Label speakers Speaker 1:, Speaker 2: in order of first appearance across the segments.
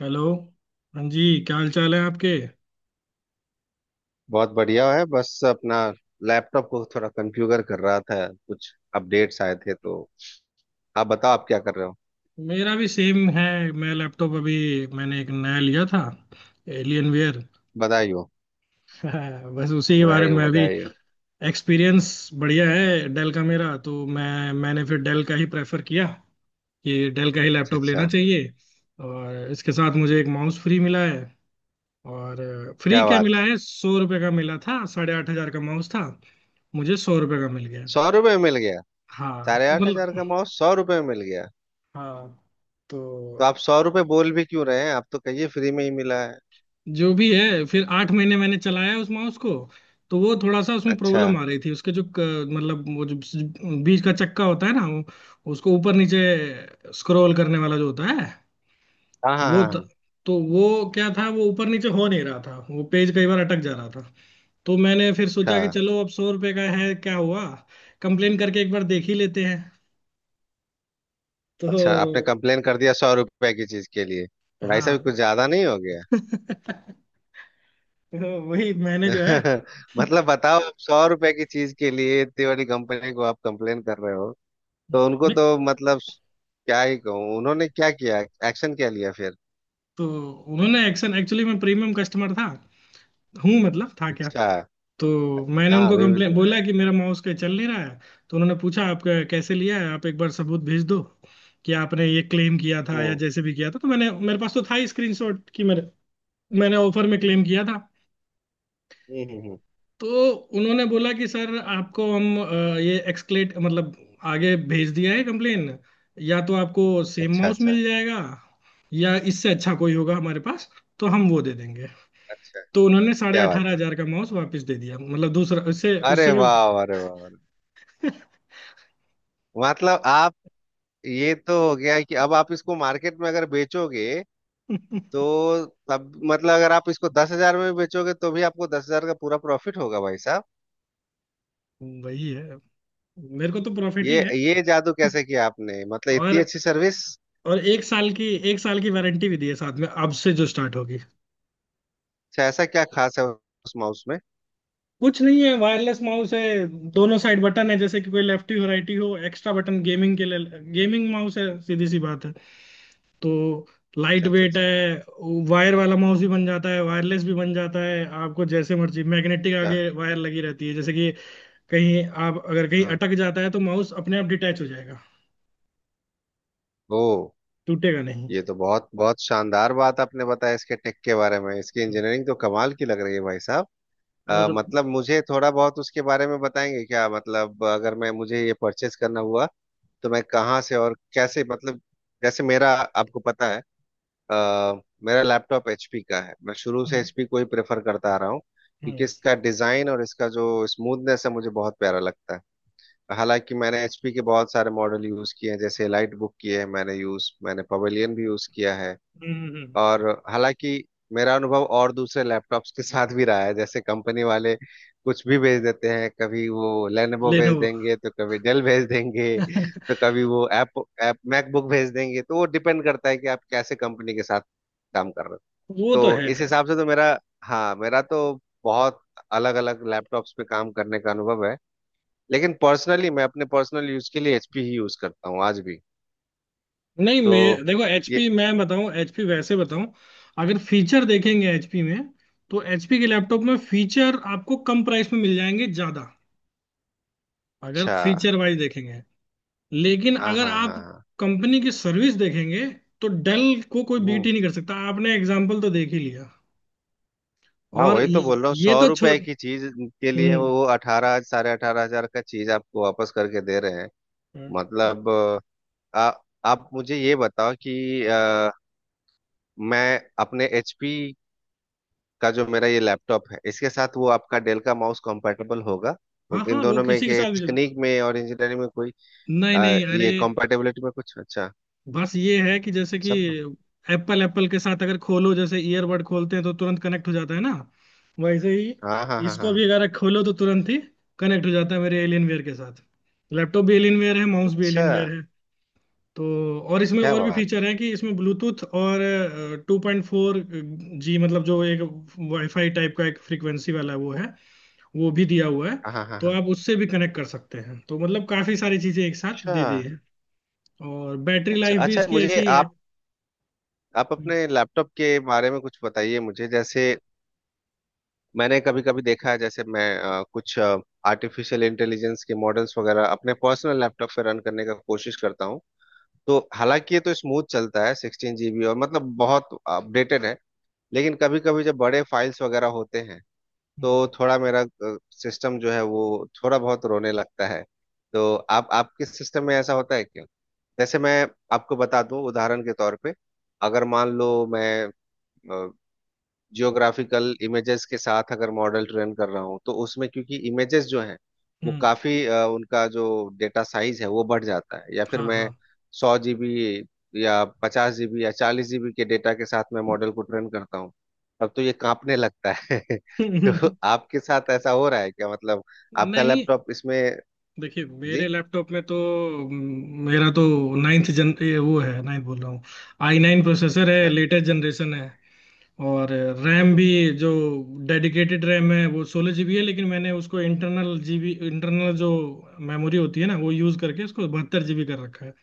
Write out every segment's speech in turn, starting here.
Speaker 1: Hello. हाँ जी। क्या हाल चाल है आपके?
Speaker 2: बहुत बढ़िया है। बस अपना लैपटॉप को थोड़ा कॉन्फ़िगर कर रहा था, कुछ अपडेट्स आए थे। तो आप बताओ, आप क्या कर रहे हो?
Speaker 1: मेरा भी सेम है। मैं लैपटॉप अभी, मैंने एक नया लिया था, एलियन वेयर
Speaker 2: बधाई हो,
Speaker 1: बस उसी के बारे
Speaker 2: बधाई हो,
Speaker 1: में अभी
Speaker 2: बधाई हो।
Speaker 1: एक्सपीरियंस। बढ़िया है डेल का, मेरा तो, मैंने फिर डेल का ही प्रेफर किया कि डेल का ही
Speaker 2: अच्छा
Speaker 1: लैपटॉप लेना
Speaker 2: अच्छा।
Speaker 1: चाहिए। और इसके साथ मुझे एक माउस फ्री मिला है। और फ्री
Speaker 2: क्या
Speaker 1: क्या
Speaker 2: बात।
Speaker 1: मिला है, 100 रुपये का मिला था, 8,500 का माउस था, मुझे 100 रुपये का मिल गया।
Speaker 2: 100 रुपये मिल गया?
Speaker 1: हाँ
Speaker 2: साढ़े
Speaker 1: तो
Speaker 2: आठ
Speaker 1: मतलब,
Speaker 2: हजार का माउस 100 रुपये में मिल गया?
Speaker 1: हाँ तो
Speaker 2: तो आप 100 रुपये बोल भी क्यों रहे हैं, आप तो कहिए फ्री में ही मिला है।
Speaker 1: जो भी है, फिर 8 महीने मैंने चलाया उस माउस को। तो वो थोड़ा सा, उसमें
Speaker 2: अच्छा।
Speaker 1: प्रॉब्लम आ रही थी, उसके जो बीच का चक्का होता है ना वो, उसको ऊपर नीचे स्क्रॉल करने वाला जो होता है
Speaker 2: हाँ हाँ
Speaker 1: वो
Speaker 2: हाँ हाँ।
Speaker 1: तो वो क्या था, वो ऊपर नीचे हो नहीं रहा था, वो पेज कई बार अटक जा रहा था। तो मैंने फिर
Speaker 2: अच्छा
Speaker 1: सोचा कि चलो, अब 100 रुपये का है क्या हुआ, कंप्लेन करके एक बार देख ही लेते हैं।
Speaker 2: अच्छा, आपने
Speaker 1: तो
Speaker 2: कंप्लेन कर दिया 100 रुपए की चीज के लिए? तो भाई
Speaker 1: हाँ
Speaker 2: साहब कुछ ज्यादा नहीं हो गया?
Speaker 1: तो वही मैंने जो है,
Speaker 2: मतलब बताओ, आप 100 रुपए की चीज के लिए इतनी बड़ी कंपनी को आप कंप्लेन कर रहे हो। तो उनको
Speaker 1: मैं-
Speaker 2: तो मतलब क्या ही कहूँ, उन्होंने क्या किया, एक्शन क्या लिया फिर?
Speaker 1: तो उन्होंने एक्शन, एक्चुअली मैं प्रीमियम कस्टमर था। हूँ, मतलब था क्या।
Speaker 2: अच्छा
Speaker 1: तो
Speaker 2: अच्छा।
Speaker 1: मैंने
Speaker 2: हाँ,
Speaker 1: उनको
Speaker 2: अभी भी
Speaker 1: कंप्लेन
Speaker 2: तो
Speaker 1: बोला
Speaker 2: है।
Speaker 1: कि मेरा माउस का चल नहीं रहा है। तो उन्होंने पूछा आप कैसे लिया है, आप एक बार सबूत भेज दो कि आपने ये क्लेम किया था, या
Speaker 2: हम्म
Speaker 1: जैसे भी किया था। तो मैंने, मेरे पास तो था ही स्क्रीनशॉट कि मेरे, मैंने ऑफर में क्लेम किया था।
Speaker 2: हम्म हम्म, हम्म।
Speaker 1: तो उन्होंने बोला कि सर आपको हम ये एक्सक्लेट, मतलब आगे भेज दिया है कंप्लेन, या तो आपको सेम
Speaker 2: अच्छा
Speaker 1: माउस
Speaker 2: अच्छा
Speaker 1: मिल जाएगा या इससे अच्छा कोई होगा हमारे पास तो हम वो दे देंगे।
Speaker 2: अच्छा।
Speaker 1: तो उन्होंने साढ़े
Speaker 2: क्या
Speaker 1: अठारह
Speaker 2: बात है,
Speaker 1: हजार का माउस वापस दे दिया, मतलब दूसरा, उससे
Speaker 2: अरे
Speaker 1: उससे भी
Speaker 2: वाह, अरे वाह, अरे वाह। मतलब आप, ये तो हो गया कि अब आप इसको मार्केट में अगर बेचोगे, तो तब मतलब अगर आप इसको 10 हजार में भी बेचोगे, तो भी आपको 10 हजार का पूरा प्रॉफिट होगा भाई।
Speaker 1: वही है, मेरे को तो प्रॉफिट ही
Speaker 2: ये
Speaker 1: है।
Speaker 2: ये जादू कैसे किया आपने? मतलब इतनी
Speaker 1: और
Speaker 2: अच्छी सर्विस।
Speaker 1: और एक साल की वारंटी भी दी है साथ में, अब से जो स्टार्ट होगी।
Speaker 2: अच्छा, ऐसा क्या खास है उस माउस में?
Speaker 1: कुछ नहीं है, वायरलेस माउस है, दोनों साइड बटन है जैसे कि कोई लेफ्टी हो राइटी हो, एक्स्ट्रा बटन गेमिंग के लिए, गेमिंग माउस है, सीधी सी बात है। तो लाइट
Speaker 2: अच्छा अच्छा
Speaker 1: वेट
Speaker 2: अच्छा
Speaker 1: है, वायर वाला माउस भी बन जाता है, वायरलेस भी बन जाता है, आपको जैसे मर्जी। मैग्नेटिक
Speaker 2: अच्छा।
Speaker 1: आगे वायर लगी रहती है, जैसे कि कहीं, आप अगर कहीं
Speaker 2: हाँ।
Speaker 1: अटक जाता है तो माउस अपने आप डिटैच हो जाएगा,
Speaker 2: ओ।
Speaker 1: टूटेगा नहीं।
Speaker 2: ये तो बहुत बहुत शानदार बात आपने बताया इसके टेक के बारे में। इसकी इंजीनियरिंग तो कमाल की लग रही है भाई साहब।
Speaker 1: और
Speaker 2: मतलब मुझे थोड़ा बहुत उसके बारे में बताएंगे क्या? मतलब अगर मैं मुझे ये परचेस करना हुआ, तो मैं कहाँ से और कैसे, मतलब जैसे मेरा आपको पता है। अ, मेरा लैपटॉप एचपी का है, मैं शुरू से
Speaker 1: हम्म
Speaker 2: एचपी को ही प्रेफर करता आ रहा हूँ क्योंकि
Speaker 1: हम्म
Speaker 2: इसका डिजाइन और इसका जो स्मूथनेस है मुझे बहुत प्यारा लगता है। हालांकि मैंने एचपी के बहुत सारे मॉडल यूज किए हैं, जैसे लाइट बुक किए हैं मैंने पवेलियन भी यूज किया है।
Speaker 1: हम्म
Speaker 2: और हालांकि मेरा अनुभव और दूसरे लैपटॉप्स के साथ भी रहा है, जैसे कंपनी वाले कुछ भी भेज देते हैं। कभी वो लेनोवो भेज
Speaker 1: लेनोवो
Speaker 2: देंगे, तो कभी डेल भेज देंगे, तो कभी वो ऐप ऐप मैकबुक भेज देंगे। तो वो डिपेंड करता है कि आप कैसे कंपनी के साथ काम कर रहे हो।
Speaker 1: वो तो
Speaker 2: तो
Speaker 1: है।
Speaker 2: इस हिसाब से तो मेरा हाँ, मेरा तो बहुत अलग अलग लैपटॉप्स पे काम करने का अनुभव है। लेकिन पर्सनली मैं अपने पर्सनल यूज के लिए एचपी ही यूज करता हूँ आज भी।
Speaker 1: नहीं मैं
Speaker 2: तो
Speaker 1: देखो,
Speaker 2: ये
Speaker 1: एचपी मैं बताऊं, एचपी वैसे बताऊं, अगर फीचर देखेंगे एचपी में तो एचपी के लैपटॉप में फीचर आपको कम प्राइस में मिल जाएंगे ज्यादा, अगर
Speaker 2: अच्छा।
Speaker 1: फीचर वाइज देखेंगे। लेकिन
Speaker 2: हाँ
Speaker 1: अगर
Speaker 2: हाँ
Speaker 1: आप
Speaker 2: हाँ हाँ।
Speaker 1: कंपनी की सर्विस देखेंगे तो डेल को कोई बीट
Speaker 2: हम्म,
Speaker 1: ही नहीं कर सकता, आपने एग्जाम्पल तो देख ही लिया।
Speaker 2: हाँ
Speaker 1: और
Speaker 2: वही तो
Speaker 1: ये
Speaker 2: बोल रहा हूँ
Speaker 1: ये
Speaker 2: सौ
Speaker 1: तो छोड़।
Speaker 2: रुपए की चीज के लिए
Speaker 1: हम्म।
Speaker 2: वो अठारह 18,500 का चीज आपको वापस करके दे रहे हैं। मतलब
Speaker 1: अब-
Speaker 2: आ, आप मुझे ये बताओ कि अ, मैं अपने एचपी का जो मेरा ये लैपटॉप है इसके साथ वो आपका डेल का माउस कंपैटिबल होगा?
Speaker 1: हाँ
Speaker 2: इन
Speaker 1: हाँ वो
Speaker 2: दोनों में
Speaker 1: किसी के
Speaker 2: के
Speaker 1: साथ भी चल,
Speaker 2: तकनीक में और इंजीनियरिंग में कोई
Speaker 1: नहीं नहीं अरे,
Speaker 2: ये कंपैटिबिलिटी में कुछ अच्छा
Speaker 1: बस ये है कि जैसे कि
Speaker 2: सब?
Speaker 1: एप्पल एप्पल के साथ अगर खोलो जैसे ईयरबड खोलते हैं तो तुरंत कनेक्ट हो जाता है ना, वैसे ही
Speaker 2: हाँ हाँ हाँ हाँ
Speaker 1: इसको
Speaker 2: हाँ।
Speaker 1: भी अगर खोलो तो तुरंत ही कनेक्ट हो जाता है मेरे एलियनवेयर के साथ। लैपटॉप भी एलियनवेयर है, माउस भी
Speaker 2: अच्छा,
Speaker 1: एलियनवेयर है। तो और इसमें
Speaker 2: क्या
Speaker 1: और भी
Speaker 2: बात।
Speaker 1: फीचर है कि इसमें ब्लूटूथ और 2.4G, मतलब जो एक वाईफाई टाइप का एक फ्रीक्वेंसी वाला वो है, वो भी दिया हुआ है।
Speaker 2: हाँ हाँ हाँ
Speaker 1: तो
Speaker 2: हाँ।
Speaker 1: आप उससे भी कनेक्ट कर सकते हैं, तो मतलब काफी सारी चीजें एक साथ
Speaker 2: अच्छा
Speaker 1: दे दी है। और बैटरी
Speaker 2: अच्छा
Speaker 1: लाइफ भी
Speaker 2: अच्छा।
Speaker 1: इसकी ऐसी
Speaker 2: मुझे
Speaker 1: ही है।
Speaker 2: आप
Speaker 1: हम्म।
Speaker 2: अपने लैपटॉप के बारे में कुछ बताइए मुझे, जैसे मैंने कभी कभी देखा है, जैसे मैं कुछ आर्टिफिशियल इंटेलिजेंस के मॉडल्स वगैरह अपने पर्सनल लैपटॉप पे रन करने का कोशिश करता हूँ। तो हालांकि ये तो स्मूथ चलता है, 16 जीबी और मतलब बहुत अपडेटेड है। लेकिन कभी कभी जब बड़े फाइल्स वगैरह होते हैं,
Speaker 1: हाँ।
Speaker 2: तो थोड़ा मेरा सिस्टम जो है वो थोड़ा बहुत रोने लगता है। तो आप आपके सिस्टम में ऐसा होता है क्या? जैसे मैं आपको बता दूं उदाहरण के तौर पे। अगर मान लो मैं जियोग्राफिकल इमेजेस के साथ अगर मॉडल ट्रेन कर रहा हूँ, तो उसमें क्योंकि इमेजेस जो हैं वो
Speaker 1: हम्म,
Speaker 2: काफी उनका जो डेटा साइज है वो बढ़ जाता है। या फिर
Speaker 1: हाँ
Speaker 2: मैं
Speaker 1: हाँ
Speaker 2: 100 जीबी या 50 जीबी या 40 जीबी के डेटा के साथ मैं मॉडल को ट्रेन करता हूँ, अब तो ये कांपने लगता है। तो आपके साथ ऐसा हो रहा है क्या, मतलब आपका
Speaker 1: नहीं
Speaker 2: लैपटॉप इसमें?
Speaker 1: देखिए,
Speaker 2: जी।
Speaker 1: मेरे लैपटॉप में तो, मेरा तो नाइन्थ जन ये वो है, नाइन्थ बोल रहा हूँ, i9 प्रोसेसर है,
Speaker 2: अच्छा
Speaker 1: लेटेस्ट जनरेशन है। और रैम भी, जो डेडिकेटेड रैम है वो 16 GB है, लेकिन मैंने उसको इंटरनल जीबी, इंटरनल जो मेमोरी होती है ना वो यूज करके उसको 72 GB कर रखा है।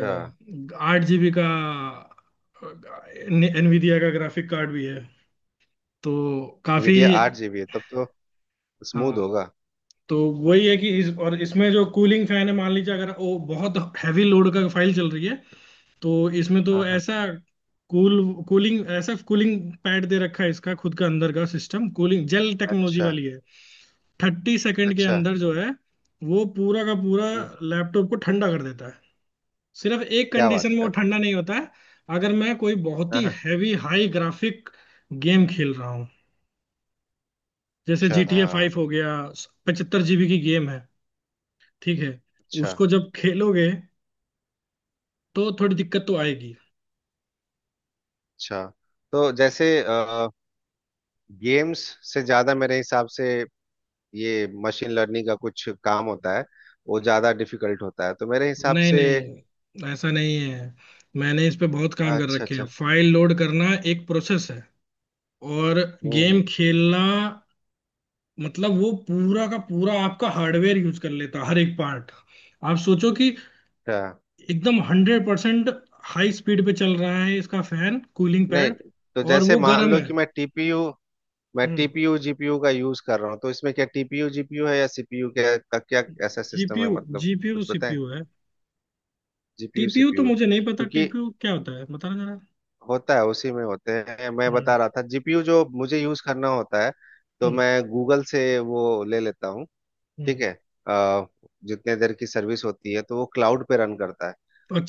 Speaker 2: अच्छा।
Speaker 1: 8 GB का एनवीडिया का ग्राफिक कार्ड भी है। तो काफी।
Speaker 2: वीडियो 8 जीबी है तब तो स्मूथ
Speaker 1: हाँ
Speaker 2: होगा।
Speaker 1: तो वही है कि इस, और इसमें जो कूलिंग फैन है, मान लीजिए अगर वो बहुत हैवी लोड का फाइल चल रही है, तो इसमें तो
Speaker 2: हाँ हाँ।
Speaker 1: ऐसा कूल कूलिंग, ऐसा कूलिंग पैड दे रखा है, इसका खुद का अंदर का सिस्टम, कूलिंग जेल टेक्नोलॉजी
Speaker 2: अच्छा
Speaker 1: वाली है। 30 सेकंड के
Speaker 2: अच्छा।
Speaker 1: अंदर जो है वो पूरा का पूरा
Speaker 2: हम्म,
Speaker 1: लैपटॉप को ठंडा कर देता है। सिर्फ एक
Speaker 2: क्या
Speaker 1: कंडीशन
Speaker 2: बात
Speaker 1: में वो
Speaker 2: कर रहे
Speaker 1: ठंडा नहीं होता है, अगर मैं कोई बहुत
Speaker 2: हैं? हाँ
Speaker 1: ही
Speaker 2: हाँ।
Speaker 1: हैवी हाई ग्राफिक गेम खेल रहा हूँ, जैसे
Speaker 2: अच्छा
Speaker 1: GTA 5 हो गया, 75 GB की गेम है, ठीक है।
Speaker 2: अच्छा
Speaker 1: उसको जब खेलोगे तो थोड़ी दिक्कत तो आएगी।
Speaker 2: अच्छा। तो जैसे गेम्स से ज्यादा मेरे हिसाब से, ये मशीन लर्निंग का कुछ काम होता है, वो ज्यादा डिफिकल्ट होता है तो मेरे हिसाब
Speaker 1: नहीं
Speaker 2: से।
Speaker 1: नहीं, ऐसा नहीं है, मैंने इस पे बहुत काम कर
Speaker 2: अच्छा
Speaker 1: रखे हैं।
Speaker 2: अच्छा।
Speaker 1: फाइल लोड करना एक प्रोसेस है, और
Speaker 2: हम्म
Speaker 1: गेम
Speaker 2: हम्म,
Speaker 1: खेलना मतलब वो पूरा का पूरा आपका हार्डवेयर यूज कर लेता है, हर एक पार्ट। आप सोचो कि
Speaker 2: अच्छा।
Speaker 1: एकदम 100% हाई स्पीड पे चल रहा है इसका फैन, कूलिंग
Speaker 2: नहीं,
Speaker 1: पैड,
Speaker 2: तो
Speaker 1: और
Speaker 2: जैसे
Speaker 1: वो
Speaker 2: मान
Speaker 1: गर्म
Speaker 2: लो
Speaker 1: है।
Speaker 2: कि मैं
Speaker 1: हम्म।
Speaker 2: टीपीयू जीपीयू का यूज कर रहा हूँ, तो इसमें क्या टीपीयू जीपीयू है या सीपीयू, क्या ऐसा सिस्टम है
Speaker 1: जीपीयू,
Speaker 2: मतलब,
Speaker 1: जीपीयू
Speaker 2: कुछ बताएं?
Speaker 1: सीपीयू है,
Speaker 2: जीपीयू
Speaker 1: टीपीयू तो
Speaker 2: सीपीयू
Speaker 1: मुझे नहीं पता
Speaker 2: क्योंकि
Speaker 1: टीपीयू क्या होता है, बताना जरा।
Speaker 2: होता है उसी में होते हैं, मैं
Speaker 1: हम्म।
Speaker 2: बता रहा था जीपीयू जो मुझे यूज करना होता है तो
Speaker 1: हम्म
Speaker 2: मैं गूगल से वो ले लेता हूँ, ठीक
Speaker 1: हम्म
Speaker 2: है। अ, जितने देर की सर्विस होती है तो वो क्लाउड पे रन करता है।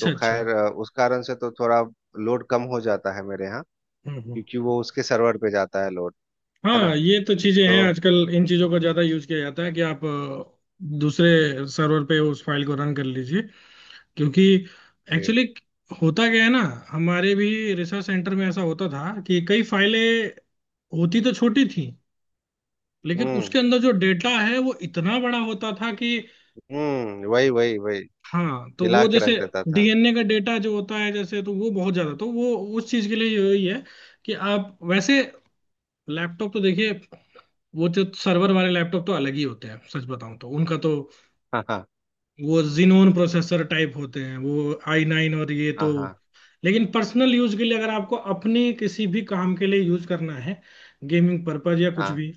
Speaker 2: तो
Speaker 1: अच्छा।
Speaker 2: खैर उस कारण से तो थोड़ा लोड कम हो जाता है मेरे यहाँ,
Speaker 1: हम्म, हम्म।
Speaker 2: क्योंकि वो उसके सर्वर पे जाता है लोड, है ना?
Speaker 1: हाँ ये तो चीजें हैं,
Speaker 2: तो
Speaker 1: आजकल इन चीजों का ज्यादा यूज किया जाता है कि आप दूसरे सर्वर पे उस फाइल को रन कर लीजिए, क्योंकि
Speaker 2: जी।
Speaker 1: एक्चुअली होता क्या है ना, हमारे भी रिसर्च सेंटर में ऐसा होता था कि कई फाइलें होती तो छोटी थी, लेकिन
Speaker 2: हम्म
Speaker 1: उसके अंदर जो डेटा है वो इतना बड़ा होता था कि,
Speaker 2: हम्म, वही वही वही।
Speaker 1: हाँ तो
Speaker 2: हिला
Speaker 1: वो
Speaker 2: के रख
Speaker 1: जैसे
Speaker 2: देता था।
Speaker 1: डीएनए का डेटा जो होता है जैसे, तो वो बहुत ज्यादा, तो वो उस चीज के लिए यही है कि आप वैसे लैपटॉप तो देखिए, वो जो सर्वर वाले लैपटॉप तो अलग ही होते हैं, सच बताऊं तो उनका तो
Speaker 2: हाँ हाँ
Speaker 1: वो जिनोन प्रोसेसर टाइप होते हैं, वो i9, और ये तो।
Speaker 2: हाँ हाँ
Speaker 1: लेकिन पर्सनल यूज के लिए अगर आपको अपने किसी भी काम के लिए यूज करना है, गेमिंग पर्पज या कुछ
Speaker 2: हाँ।
Speaker 1: भी,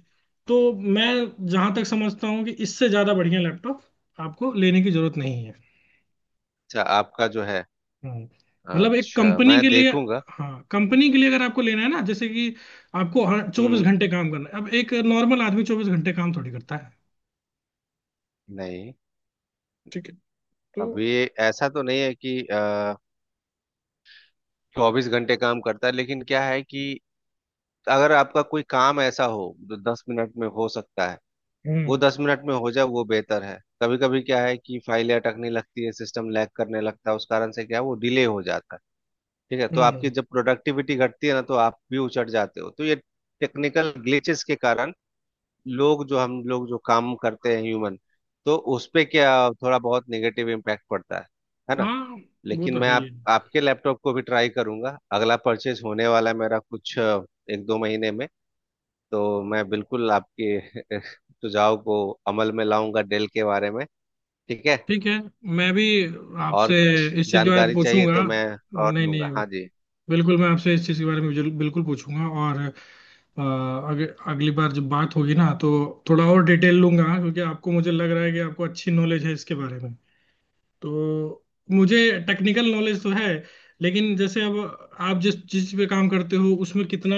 Speaker 1: तो मैं जहां तक समझता हूँ कि इससे ज्यादा बढ़िया लैपटॉप आपको लेने की जरूरत नहीं है।
Speaker 2: अच्छा, आपका जो है।
Speaker 1: हम्म। मतलब एक
Speaker 2: अच्छा,
Speaker 1: कंपनी
Speaker 2: मैं
Speaker 1: के लिए,
Speaker 2: देखूंगा।
Speaker 1: हाँ कंपनी के लिए अगर आपको लेना है ना, जैसे कि आपको हर चौबीस
Speaker 2: हम्म।
Speaker 1: घंटे काम करना है, अब एक नॉर्मल आदमी 24 घंटे काम थोड़ी करता है।
Speaker 2: नहीं।
Speaker 1: ठीक है, तो।
Speaker 2: अब ये ऐसा तो नहीं है कि 24 घंटे काम करता है, लेकिन क्या है कि अगर आपका कोई काम ऐसा हो जो 10 मिनट में हो सकता है, वो
Speaker 1: हम्म
Speaker 2: 10 मिनट में हो जाए, वो बेहतर है। कभी कभी क्या है कि फाइलें अटकने लगती है, सिस्टम लैग करने लगता है, उस कारण से क्या है वो डिले हो जाता है। ठीक है, तो आपकी
Speaker 1: हम्म।
Speaker 2: जब प्रोडक्टिविटी घटती है ना, तो आप भी उचट जाते हो। तो ये टेक्निकल ग्लिचेस के कारण लोग जो हम लोग जो काम करते हैं ह्यूमन, तो उस पे क्या थोड़ा बहुत नेगेटिव इम्पैक्ट पड़ता है ना?
Speaker 1: हाँ वो
Speaker 2: लेकिन
Speaker 1: तो
Speaker 2: मैं
Speaker 1: है ही
Speaker 2: आप
Speaker 1: है।
Speaker 2: आपके लैपटॉप को भी ट्राई करूंगा। अगला परचेज होने वाला है मेरा कुछ एक दो महीने में। तो मैं बिल्कुल आपके सुझाव को अमल में लाऊंगा डेल के बारे में। ठीक है।
Speaker 1: ठीक है, मैं भी
Speaker 2: और
Speaker 1: आपसे
Speaker 2: कुछ
Speaker 1: इस चीज के बारे में
Speaker 2: जानकारी चाहिए
Speaker 1: पूछूंगा।
Speaker 2: तो मैं और
Speaker 1: नहीं नहीं,
Speaker 2: लूंगा, हाँ जी।
Speaker 1: बिल्कुल मैं आपसे इस चीज के बारे में बिल्कुल पूछूंगा, और अ, अग, अगली बार जब बात होगी ना तो थोड़ा और डिटेल लूंगा, क्योंकि आपको, मुझे लग रहा है कि आपको अच्छी नॉलेज है इसके बारे में। तो मुझे टेक्निकल नॉलेज तो है, लेकिन जैसे अब आप जिस चीज पे काम करते हो उसमें कितना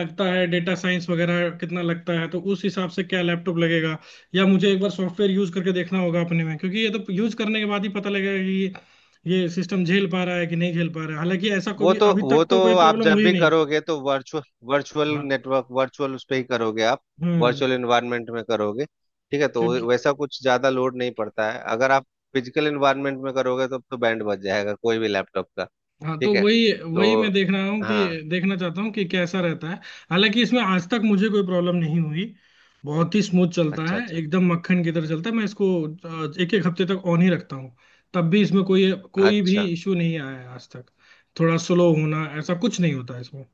Speaker 1: लगता है, डेटा साइंस वगैरह कितना लगता है, तो उस हिसाब से क्या लैपटॉप लगेगा, या मुझे एक बार सॉफ्टवेयर यूज करके देखना होगा अपने में, क्योंकि ये तो यूज करने के बाद ही पता लगेगा कि ये सिस्टम झेल पा रहा है कि नहीं झेल पा रहा है। हालांकि ऐसा कोई
Speaker 2: वो
Speaker 1: भी
Speaker 2: तो
Speaker 1: अभी
Speaker 2: वो
Speaker 1: तक
Speaker 2: तो
Speaker 1: तो कोई
Speaker 2: आप
Speaker 1: प्रॉब्लम
Speaker 2: जब
Speaker 1: हुई
Speaker 2: भी
Speaker 1: नहीं।
Speaker 2: करोगे तो वर्चुअल वर्चुअल
Speaker 1: हाँ।
Speaker 2: नेटवर्क वर्चुअल उस पर ही करोगे आप,
Speaker 1: हम्म।
Speaker 2: वर्चुअल इन्वायरमेंट में करोगे। ठीक है, तो
Speaker 1: क्योंकि,
Speaker 2: वैसा कुछ ज्यादा लोड नहीं पड़ता है। अगर आप फिजिकल इन्वायरमेंट में करोगे, तो बैंड बज जाएगा कोई भी लैपटॉप का।
Speaker 1: हाँ
Speaker 2: ठीक
Speaker 1: तो
Speaker 2: है।
Speaker 1: वही वही
Speaker 2: तो
Speaker 1: मैं देख रहा हूँ कि
Speaker 2: हाँ।
Speaker 1: देखना चाहता हूँ कि कैसा रहता है। हालांकि इसमें आज तक मुझे कोई प्रॉब्लम नहीं हुई, बहुत ही स्मूथ चलता
Speaker 2: अच्छा
Speaker 1: है,
Speaker 2: अच्छा
Speaker 1: एकदम मक्खन की तरह चलता है। मैं इसको एक एक हफ्ते तक ऑन ही रखता हूँ, तब भी इसमें कोई कोई भी
Speaker 2: अच्छा।
Speaker 1: इशू नहीं आया है आज तक। थोड़ा स्लो होना ऐसा कुछ नहीं होता इसमें,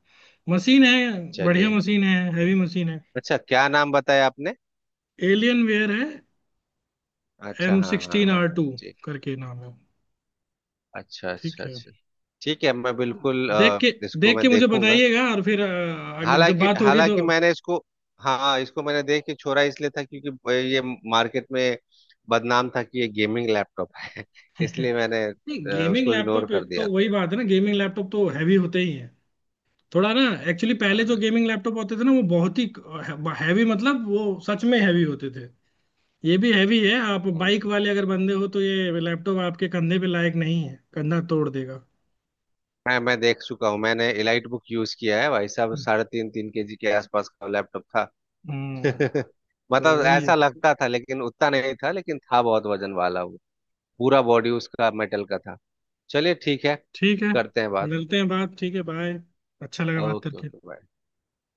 Speaker 1: मशीन है बढ़िया
Speaker 2: चलिए।
Speaker 1: मशीन है, हैवी मशीन है।
Speaker 2: अच्छा, क्या नाम बताया आपने?
Speaker 1: एलियन वेयर है,
Speaker 2: अच्छा,
Speaker 1: एम
Speaker 2: हाँ हाँ हाँ
Speaker 1: सिक्सटीन आर
Speaker 2: हाँ,
Speaker 1: टू
Speaker 2: जी।
Speaker 1: करके नाम है।
Speaker 2: अच्छा अच्छा
Speaker 1: ठीक है,
Speaker 2: अच्छा। ठीक है, मैं बिल्कुल
Speaker 1: देख के
Speaker 2: इसको
Speaker 1: देख
Speaker 2: मैं
Speaker 1: के मुझे
Speaker 2: देखूंगा।
Speaker 1: बताइएगा और फिर आगे जब
Speaker 2: हालांकि
Speaker 1: बात होगी
Speaker 2: हालांकि
Speaker 1: तो।
Speaker 2: मैंने इसको हाँ हाँ, इसको मैंने देख के छोड़ा इसलिए था, क्योंकि ये मार्केट में बदनाम था कि ये गेमिंग लैपटॉप है। इसलिए
Speaker 1: नहीं
Speaker 2: मैंने
Speaker 1: गेमिंग
Speaker 2: उसको इग्नोर
Speaker 1: लैपटॉप,
Speaker 2: कर
Speaker 1: तो
Speaker 2: दिया
Speaker 1: वही बात है ना, गेमिंग लैपटॉप तो हैवी होते ही हैं थोड़ा ना। एक्चुअली पहले जो
Speaker 2: था।
Speaker 1: गेमिंग लैपटॉप होते थे ना वो बहुत ही हैवी, मतलब वो सच में हैवी होते थे। ये भी हैवी है, आप
Speaker 2: हम्म।
Speaker 1: बाइक वाले अगर बंदे हो तो ये लैपटॉप आपके कंधे पे लायक नहीं है, कंधा तोड़ देगा।
Speaker 2: मैं देख चुका हूँ, मैंने एलाइट बुक यूज किया है भाई साहब। साढ़े तीन तीन के जी के आसपास का लैपटॉप था।
Speaker 1: हम्म। तो
Speaker 2: मतलब
Speaker 1: वही
Speaker 2: ऐसा
Speaker 1: है।
Speaker 2: लगता था लेकिन उतना नहीं था, लेकिन था बहुत वजन वाला वो। पूरा बॉडी उसका मेटल का था। चलिए, ठीक है।
Speaker 1: ठीक है,
Speaker 2: करते हैं बात।
Speaker 1: मिलते हैं बात, ठीक है, बाय। अच्छा लगा बात
Speaker 2: ओके
Speaker 1: करके।
Speaker 2: ओके।